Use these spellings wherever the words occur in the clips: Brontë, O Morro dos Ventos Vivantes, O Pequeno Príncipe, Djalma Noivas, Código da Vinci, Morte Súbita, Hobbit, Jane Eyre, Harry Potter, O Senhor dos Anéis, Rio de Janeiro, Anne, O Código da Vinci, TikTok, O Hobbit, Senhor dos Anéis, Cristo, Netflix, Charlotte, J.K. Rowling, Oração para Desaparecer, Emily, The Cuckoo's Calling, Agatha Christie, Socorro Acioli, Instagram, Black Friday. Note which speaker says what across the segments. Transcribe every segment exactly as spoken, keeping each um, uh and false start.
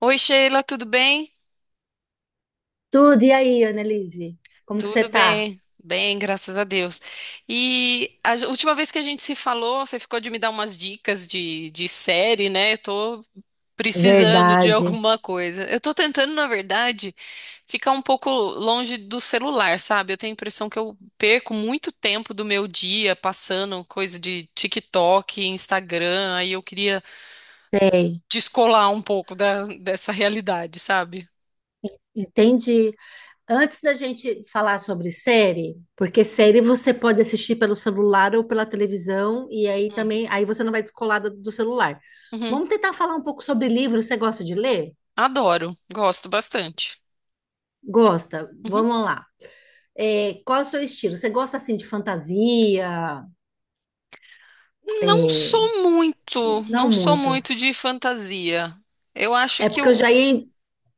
Speaker 1: Oi, Sheila, tudo bem?
Speaker 2: Tudo, e aí, Annelise? Como que você
Speaker 1: Tudo
Speaker 2: tá?
Speaker 1: bem, bem, graças a Deus. E a j- última vez que a gente se falou, você ficou de me dar umas dicas de, de série, né? Eu tô precisando de
Speaker 2: Verdade.
Speaker 1: alguma coisa. Eu tô tentando, na verdade, ficar um pouco longe do celular, sabe? Eu tenho a impressão que eu perco muito tempo do meu dia passando coisa de TikTok, Instagram, aí eu queria
Speaker 2: Sei.
Speaker 1: descolar um pouco da, dessa realidade, sabe?
Speaker 2: Entendi. Antes da gente falar sobre série, porque série você pode assistir pelo celular ou pela televisão, e aí
Speaker 1: Hum.
Speaker 2: também, aí você não vai descolar do, do celular.
Speaker 1: Uhum.
Speaker 2: Vamos tentar falar um pouco sobre livro. Você gosta de ler?
Speaker 1: Adoro, gosto bastante.
Speaker 2: Gosta?
Speaker 1: Uhum.
Speaker 2: Vamos lá. É, qual é o seu estilo? Você gosta assim de fantasia?
Speaker 1: Não
Speaker 2: É,
Speaker 1: sou muito,
Speaker 2: não
Speaker 1: não sou
Speaker 2: muito.
Speaker 1: muito de fantasia. Eu acho
Speaker 2: É
Speaker 1: que
Speaker 2: porque eu
Speaker 1: eu.
Speaker 2: já ia,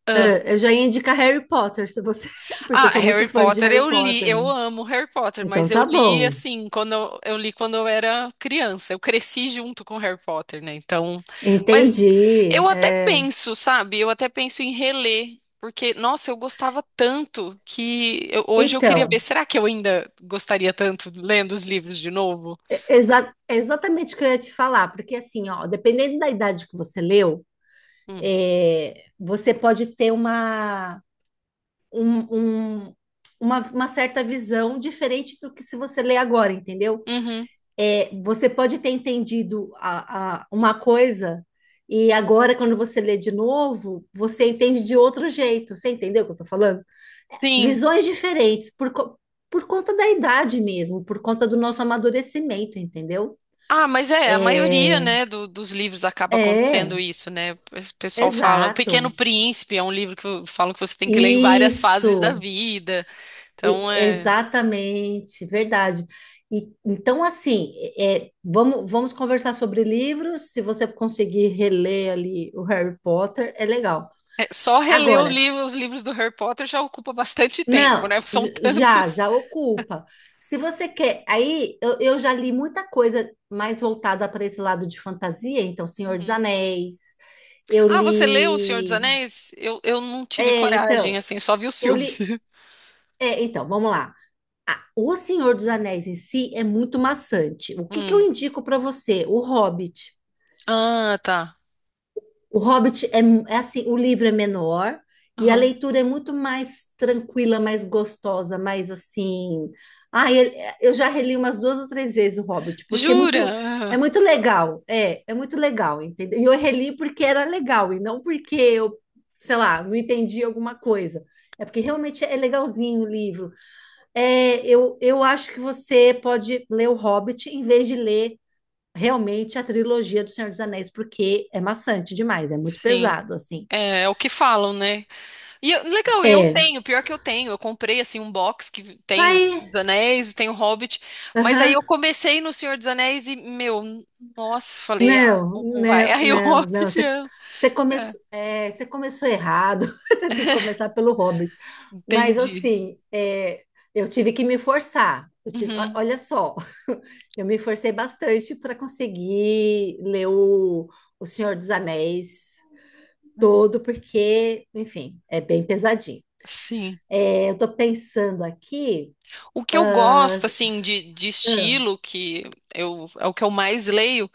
Speaker 1: Ah,
Speaker 2: Eu já ia indicar Harry Potter, se você, porque
Speaker 1: Ah,
Speaker 2: eu sou muito
Speaker 1: Harry
Speaker 2: fã de
Speaker 1: Potter
Speaker 2: Harry
Speaker 1: eu li,
Speaker 2: Potter.
Speaker 1: eu amo Harry Potter,
Speaker 2: Então
Speaker 1: mas eu
Speaker 2: tá
Speaker 1: li
Speaker 2: bom.
Speaker 1: assim, quando eu, eu li quando eu era criança. Eu cresci junto com Harry Potter, né? Então, mas
Speaker 2: Entendi.
Speaker 1: eu até
Speaker 2: É.
Speaker 1: penso, sabe? Eu até penso em reler, porque nossa, eu gostava tanto que eu- hoje eu queria ver,
Speaker 2: Então,
Speaker 1: será que eu ainda gostaria tanto lendo os livros de novo?
Speaker 2: é exa- é exatamente o que eu ia te falar, porque assim, ó, dependendo da idade que você leu,
Speaker 1: Hum.
Speaker 2: é, você pode ter uma, um- um- uma, uma certa visão diferente do que se você lê agora, entendeu?
Speaker 1: Uhum.
Speaker 2: É, você pode ter entendido a- a- uma coisa e agora, quando você lê de novo, você entende de outro jeito. Você entendeu o que eu tô falando?
Speaker 1: Sim.
Speaker 2: Visões diferentes, por, co- por conta da idade mesmo, por conta do nosso amadurecimento, entendeu?
Speaker 1: Ah, mas é, a maioria, né, do- dos livros acaba acontecendo
Speaker 2: É,
Speaker 1: isso, né? O pessoal fala, O Pequeno
Speaker 2: exato.
Speaker 1: Príncipe é um livro que eu- falam que você tem que ler em várias fases da
Speaker 2: Isso,
Speaker 1: vida.
Speaker 2: e-
Speaker 1: Então, é,
Speaker 2: exatamente, verdade. E então, assim, é, vamos, vamos conversar sobre livros. Se você conseguir reler ali o Harry Potter, é legal.
Speaker 1: é, só reler o
Speaker 2: Agora,
Speaker 1: livro, os livros do Harry Potter já ocupa bastante tempo,
Speaker 2: não,
Speaker 1: né? Porque são
Speaker 2: j- já,
Speaker 1: tantos.
Speaker 2: já ocupa. Se você quer, aí eu, eu já li muita coisa mais voltada para esse lado de fantasia, então Senhor dos
Speaker 1: Uhum.
Speaker 2: Anéis, eu
Speaker 1: Ah, você leu O Senhor dos
Speaker 2: li.
Speaker 1: Anéis? Eu, eu não tive
Speaker 2: É,
Speaker 1: coragem,
Speaker 2: então,
Speaker 1: assim, só vi os
Speaker 2: eu
Speaker 1: filmes.
Speaker 2: li. É, então, vamos lá. Ah, o Senhor dos Anéis em si é muito maçante. O que que eu
Speaker 1: Hum.
Speaker 2: indico para você? O Hobbit.
Speaker 1: Ah, tá.
Speaker 2: O Hobbit é, é assim, o livro é menor e a
Speaker 1: Aham.
Speaker 2: leitura é muito mais tranquila, mais gostosa, mais assim. Ah, ele- eu já reli umas duas ou três vezes o Hobbit, porque é
Speaker 1: Jura?
Speaker 2: muito, é
Speaker 1: Ah,
Speaker 2: muito legal. É, é muito legal, entendeu? E eu reli porque era legal e não porque eu, sei lá, não entendi alguma coisa. É porque realmente é legalzinho o livro. É, eu, eu acho que você pode ler o Hobbit em vez de ler realmente a trilogia do Senhor dos Anéis, porque é maçante demais, é muito
Speaker 1: Sim.
Speaker 2: pesado, assim.
Speaker 1: É, é o que falam, né? E eu- legal, eu
Speaker 2: É.
Speaker 1: tenho, pior que eu tenho. Eu comprei assim um box que tem os
Speaker 2: Aí,
Speaker 1: dos Anéis, tem o Hobbit, mas aí
Speaker 2: aham.
Speaker 1: eu comecei no Senhor dos Anéis e, meu, n- nossa, falei, ah,
Speaker 2: Não,
Speaker 1: não não vai.
Speaker 2: não,
Speaker 1: Aí o
Speaker 2: não, não.
Speaker 1: Hobbit,
Speaker 2: Você,
Speaker 1: eu-
Speaker 2: você, come,
Speaker 1: é,
Speaker 2: é, você começou errado. Você tem que começar pelo Hobbit. Mas,
Speaker 1: entendi.
Speaker 2: assim, é, eu tive que me forçar. Eu tive- o-
Speaker 1: Uhum.
Speaker 2: olha só, eu me forcei bastante para conseguir ler o, o Senhor dos Anéis
Speaker 1: É.
Speaker 2: todo, porque, enfim, é bem pesadinho.
Speaker 1: Sim.
Speaker 2: É, eu estou pensando aqui.
Speaker 1: O que eu gosto, assim, de, de
Speaker 2: Ah,
Speaker 1: estilo, que eu, é o que eu mais leio,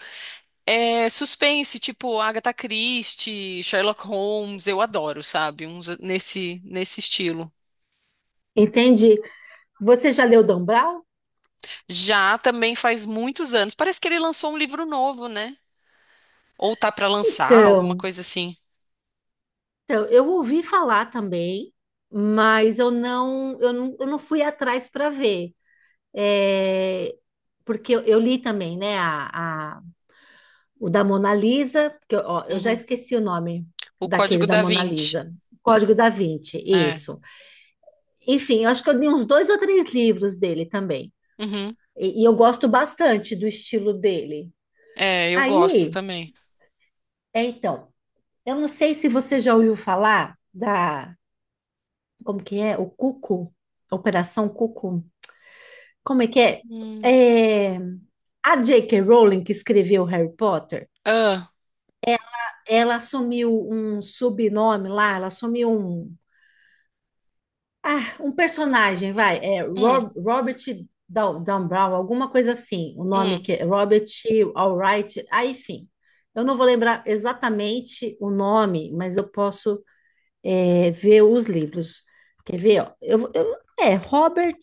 Speaker 1: é suspense, tipo Agatha Christie, Sherlock Holmes, eu adoro, sabe? Uns nesse, nesse estilo.
Speaker 2: entendi. Você já leu Dan Brown?
Speaker 1: Já também faz muitos anos. Parece que ele lançou um livro novo, né? Ou tá pra lançar, alguma
Speaker 2: Então,
Speaker 1: coisa assim.
Speaker 2: então, eu ouvi falar também, mas eu não, eu não, eu não fui atrás para ver. É, porque eu, eu li também, né, a, a- o da Mona Lisa, que eu, ó, eu já
Speaker 1: Uhum.
Speaker 2: esqueci o nome
Speaker 1: O
Speaker 2: daquele
Speaker 1: Código
Speaker 2: da
Speaker 1: da
Speaker 2: Mona
Speaker 1: Vinci.
Speaker 2: Lisa. Código da Vinci,
Speaker 1: É.
Speaker 2: isso. Enfim, eu acho que eu li uns dois ou três livros dele também.
Speaker 1: Uhum.
Speaker 2: e e eu gosto bastante do estilo dele.
Speaker 1: É, eu gosto
Speaker 2: Aí,
Speaker 1: também.
Speaker 2: é então. Eu não sei se você já ouviu falar da, como que é? O Cuco? Operação Cuco? Como é que é?
Speaker 1: Hum.
Speaker 2: É, a J K. Rowling, que escreveu Harry Potter,
Speaker 1: Ah,
Speaker 2: ela assumiu um subnome lá, ela assumiu um, ah, um personagem, vai, é
Speaker 1: hum,
Speaker 2: Rob- Robert Dow- Down Brown, alguma coisa assim, o nome
Speaker 1: hum.
Speaker 2: que é Robert Alright, ah, enfim. Eu não vou lembrar exatamente o nome, mas eu posso é, ver os livros. Quer ver? Ó? Eu, vou- eu- é, Robert.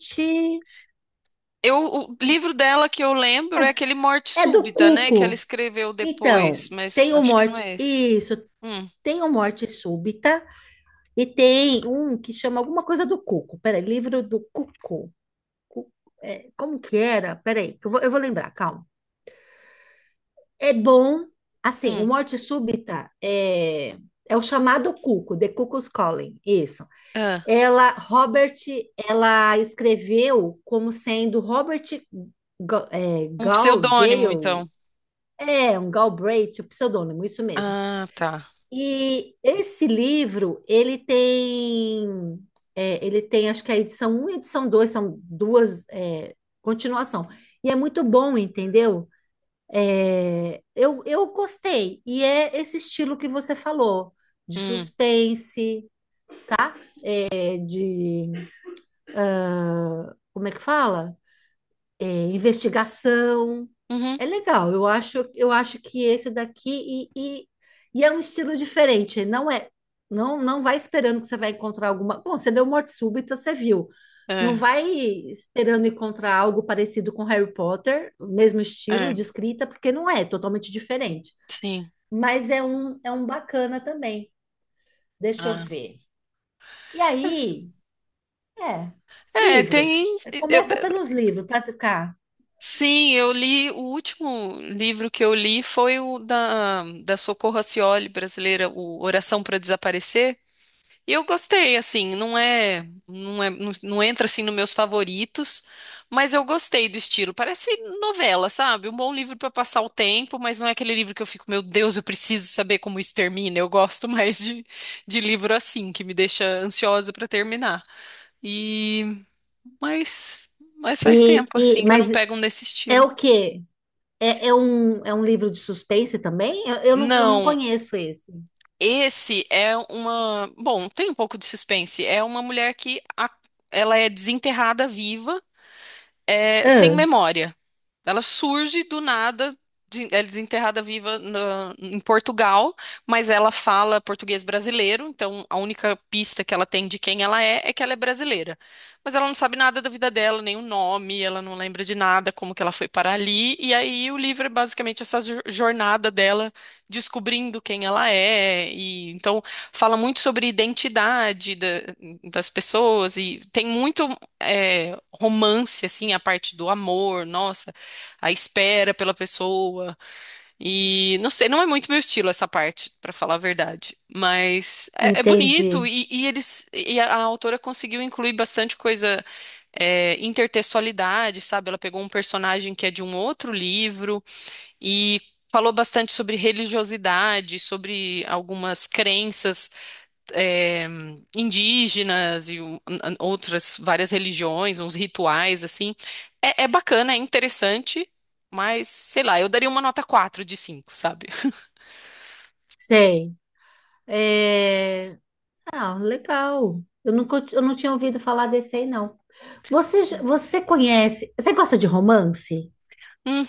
Speaker 1: Eu, o livro dela que eu lembro é aquele Morte
Speaker 2: É do
Speaker 1: Súbita, né? Que ela
Speaker 2: Cuco.
Speaker 1: escreveu
Speaker 2: Então,
Speaker 1: depois, mas
Speaker 2: tem o
Speaker 1: acho que não
Speaker 2: Morte.
Speaker 1: é esse.
Speaker 2: Isso,
Speaker 1: Hum,
Speaker 2: tem o Morte Súbita. E tem um que chama alguma coisa do Cuco. Peraí, livro do Cuco. Cu- é, como que era? Peraí, que eu vou, eu vou lembrar, calma. É bom. Assim, o
Speaker 1: hum.
Speaker 2: Morte Súbita é, é o chamado Cuco, The Cuckoo's Calling. Isso.
Speaker 1: Ah,
Speaker 2: Ela, Robert, ela escreveu como sendo Robert Ga- é,
Speaker 1: um
Speaker 2: Gal,
Speaker 1: pseudônimo,
Speaker 2: Gale,
Speaker 1: então.
Speaker 2: é um Galbraith, o pseudônimo, isso mesmo.
Speaker 1: Ah, tá.
Speaker 2: E esse livro, ele tem, é, ele tem, acho que a edição um e a edição dois são duas é, continuação. E é muito bom, entendeu? É, eu, eu gostei. E é esse estilo que você falou, de
Speaker 1: Hum.
Speaker 2: suspense, é de, ah, como é que fala? É, investigação.
Speaker 1: Uhum.
Speaker 2: É legal, eu acho, eu acho que esse daqui e, e, e é um estilo diferente, não é, não, não vai esperando que você vai encontrar alguma. Bom, você deu morte súbita, você viu. Não
Speaker 1: É,
Speaker 2: vai esperando encontrar algo parecido com Harry Potter, o mesmo estilo
Speaker 1: é,
Speaker 2: de escrita, porque não é, é totalmente diferente.
Speaker 1: sim.
Speaker 2: Mas é um, é um bacana também. Deixa eu
Speaker 1: Ah.
Speaker 2: ver. E aí, é,
Speaker 1: É,
Speaker 2: livros.
Speaker 1: tem. Eu,
Speaker 2: Começa pelos livros, para ficar.
Speaker 1: Sim, eu li. O último livro que eu li foi o da, da Socorro Acioli brasileira, o Oração para Desaparecer. E eu gostei, assim, não é, não é, não, não entra assim nos meus favoritos, mas eu gostei do estilo. Parece novela, sabe? Um bom livro para passar o tempo, mas não é aquele livro que eu fico, meu Deus, eu preciso saber como isso termina. Eu gosto mais de, de livro assim, que me deixa ansiosa para terminar. E mas mas faz
Speaker 2: E,
Speaker 1: tempo
Speaker 2: e,
Speaker 1: assim que eu
Speaker 2: mas
Speaker 1: não pego um desse
Speaker 2: é
Speaker 1: estilo.
Speaker 2: o quê? É, é um, é um livro de suspense também? Eu, eu não, eu não
Speaker 1: Não,
Speaker 2: conheço esse.
Speaker 1: esse é uma. Bom, tem um pouco de suspense. É uma mulher que a- ela é desenterrada viva é, sem
Speaker 2: Ah,
Speaker 1: memória. Ela surge do nada, de- ela é desenterrada viva na- em Portugal, mas ela fala português brasileiro, então a única pista que ela tem de quem ela é é que ela é brasileira. Mas ela não sabe nada da vida dela, nem o nome, ela não lembra de nada, como que ela foi para ali, e aí o livro é basicamente essa jo- jornada dela descobrindo quem ela é, e então fala muito sobre identidade da- das pessoas, e tem muito é, romance, assim, a parte do amor, nossa, a espera pela pessoa. E não sei, não é muito meu estilo essa parte, pra falar a verdade. Mas é, é bonito
Speaker 2: entendi.
Speaker 1: e, e eles e a, a autora conseguiu incluir bastante coisa. É, intertextualidade, sabe? Ela pegou um personagem que é de um outro livro e falou bastante sobre religiosidade, sobre algumas crenças eh, indígenas e um- an- outras várias religiões, uns rituais assim. É, é bacana, é interessante, mas sei lá, eu daria uma nota quatro de cinco, sabe?
Speaker 2: Sei. É, ah, legal. Eu nunca, eu não tinha ouvido falar desse aí, não. Você, já- você conhece... Você gosta de romance?
Speaker 1: Hum,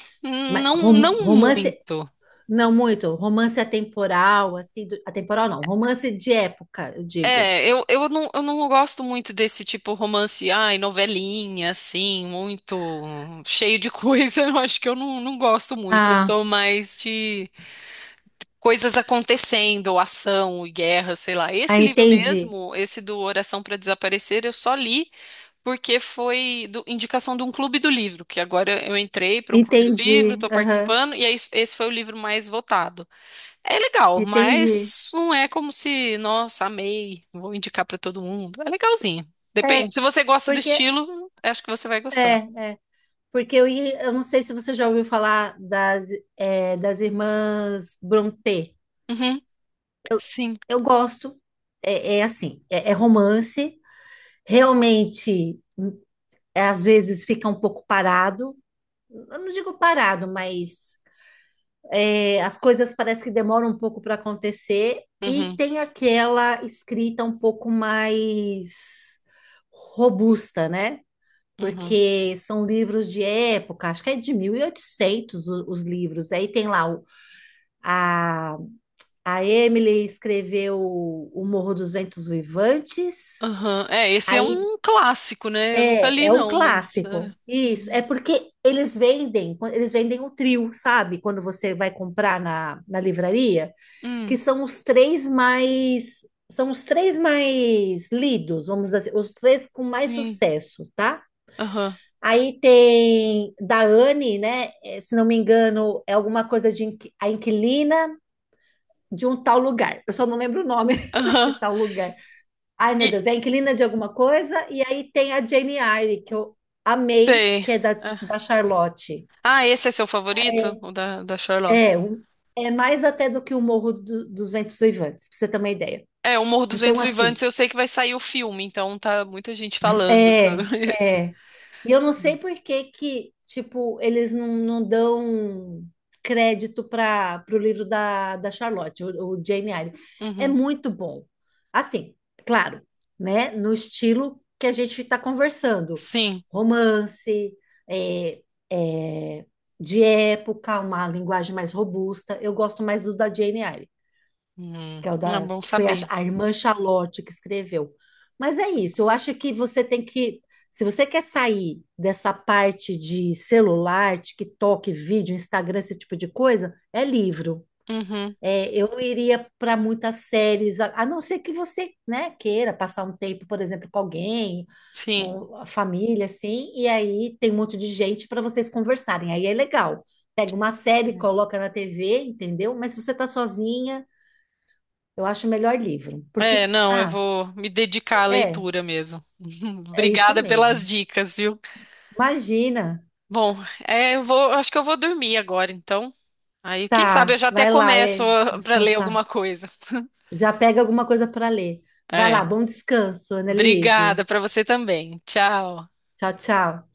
Speaker 2: Mas
Speaker 1: Não,
Speaker 2: rom-
Speaker 1: não
Speaker 2: romance...
Speaker 1: muito.
Speaker 2: Não muito. Romance atemporal, assim... do- Atemporal não. Romance de época, eu digo.
Speaker 1: É, eu, eu não, eu não gosto muito desse tipo romance, ai, novelinha, assim, muito cheio de coisa. Eu acho que eu não, não gosto muito. Eu
Speaker 2: Ah,
Speaker 1: sou mais de coisas acontecendo, ou ação, e guerra, sei lá.
Speaker 2: ah,
Speaker 1: Esse livro
Speaker 2: entendi.
Speaker 1: mesmo, esse do Oração para Desaparecer, eu só li porque foi do- indicação de um clube do livro, que agora eu entrei para um clube do livro,
Speaker 2: Entendi.
Speaker 1: estou
Speaker 2: Aham,
Speaker 1: participando, e aí esse foi o livro mais votado. É legal,
Speaker 2: entendi.
Speaker 1: mas não é como se, nossa, amei, vou indicar para todo mundo. É legalzinho. Depende.
Speaker 2: É,
Speaker 1: Se você gosta do
Speaker 2: porque...
Speaker 1: estilo, acho que você vai gostar.
Speaker 2: É, é. Porque eu, ia- eu não sei se você já ouviu falar das, é, das irmãs Brontë.
Speaker 1: Uhum,
Speaker 2: Eu,
Speaker 1: sim.
Speaker 2: eu gosto, é, é assim, é, é romance, realmente é, às vezes fica um pouco parado. Eu não digo parado, mas é, as coisas parece que demoram um pouco para acontecer e
Speaker 1: Uhum,
Speaker 2: tem aquela escrita um pouco mais robusta, né?
Speaker 1: uhum.
Speaker 2: Porque são livros de época, acho que é de mil e oitocentos o- os livros. Aí tem lá o- a, a Emily escreveu O Morro dos Ventos Uivantes.
Speaker 1: Aham. É, esse é
Speaker 2: Aí
Speaker 1: um clássico, né? Eu nunca
Speaker 2: é,
Speaker 1: li,
Speaker 2: é um
Speaker 1: não, mas. É.
Speaker 2: clássico. Isso,
Speaker 1: Uhum.
Speaker 2: é porque eles vendem, eles vendem o trio, sabe? Quando você vai comprar na, na livraria, que
Speaker 1: Hum,
Speaker 2: são os três mais são os três mais lidos, vamos dizer assim, os três com mais
Speaker 1: sim.
Speaker 2: sucesso, tá?
Speaker 1: Aham.
Speaker 2: Aí tem da Anne, né? Eh, se não me engano, é alguma coisa de inqui- a inquilina de um tal lugar. Eu só não lembro o nome desse
Speaker 1: Aham.
Speaker 2: tal lugar. Ai, meu
Speaker 1: E
Speaker 2: Deus, é a inquilina de alguma coisa. E aí tem a Jane Eyre, que eu amei,
Speaker 1: sei.
Speaker 2: que é da,
Speaker 1: É.
Speaker 2: da Charlotte.
Speaker 1: Ah, esse é seu favorito? O da, da Charlotte?
Speaker 2: É, um- é mais até do que o Morro do- dos Ventos Uivantes, pra você ter uma ideia.
Speaker 1: É, O Morro dos
Speaker 2: Então,
Speaker 1: Ventos Vivantes,
Speaker 2: assim,
Speaker 1: eu sei que vai sair o filme, então tá muita gente falando sobre
Speaker 2: é,
Speaker 1: esse.
Speaker 2: é. E eu não
Speaker 1: Não.
Speaker 2: sei por que que, tipo, eles não, não dão crédito para o livro da, da Charlotte, o, o Jane Eyre. É
Speaker 1: Uhum.
Speaker 2: muito bom. Assim, claro, né? No estilo que a gente está conversando.
Speaker 1: Sim.
Speaker 2: Romance, é, é, de época, uma linguagem mais robusta. Eu gosto mais do da Jane Eyre,
Speaker 1: Hum,
Speaker 2: que é o
Speaker 1: é
Speaker 2: da,
Speaker 1: bom
Speaker 2: que foi a,
Speaker 1: saber.
Speaker 2: a irmã Charlotte que escreveu. Mas é isso, eu acho que você tem que, se você quer sair dessa parte de celular, TikTok, vídeo, Instagram, esse tipo de coisa, é livro.
Speaker 1: Uhum.
Speaker 2: É, eu não iria para muitas séries, a, a não ser que você, né, queira passar um tempo, por exemplo, com alguém,
Speaker 1: Sim.
Speaker 2: um- a família, assim, e aí tem um monte de gente para vocês conversarem. Aí é legal. Pega uma série, coloca na T V, entendeu? Mas se você tá sozinha, eu acho melhor livro, porque
Speaker 1: É, É,
Speaker 2: se-
Speaker 1: não, eu
Speaker 2: ah,
Speaker 1: vou me dedicar à
Speaker 2: é,
Speaker 1: leitura mesmo.
Speaker 2: é isso
Speaker 1: Obrigada pelas
Speaker 2: mesmo.
Speaker 1: dicas, viu?
Speaker 2: Imagina,
Speaker 1: Bom, é, eu vou, acho que eu vou dormir agora, então. Aí, quem sabe eu
Speaker 2: tá,
Speaker 1: já até
Speaker 2: vai lá,
Speaker 1: começo
Speaker 2: é
Speaker 1: para ler alguma
Speaker 2: descansar.
Speaker 1: coisa.
Speaker 2: Já pega alguma coisa para ler. Vai lá,
Speaker 1: É.
Speaker 2: bom descanso,
Speaker 1: Obrigada
Speaker 2: Annelise.
Speaker 1: para você também. Tchau.
Speaker 2: Tchau, tchau.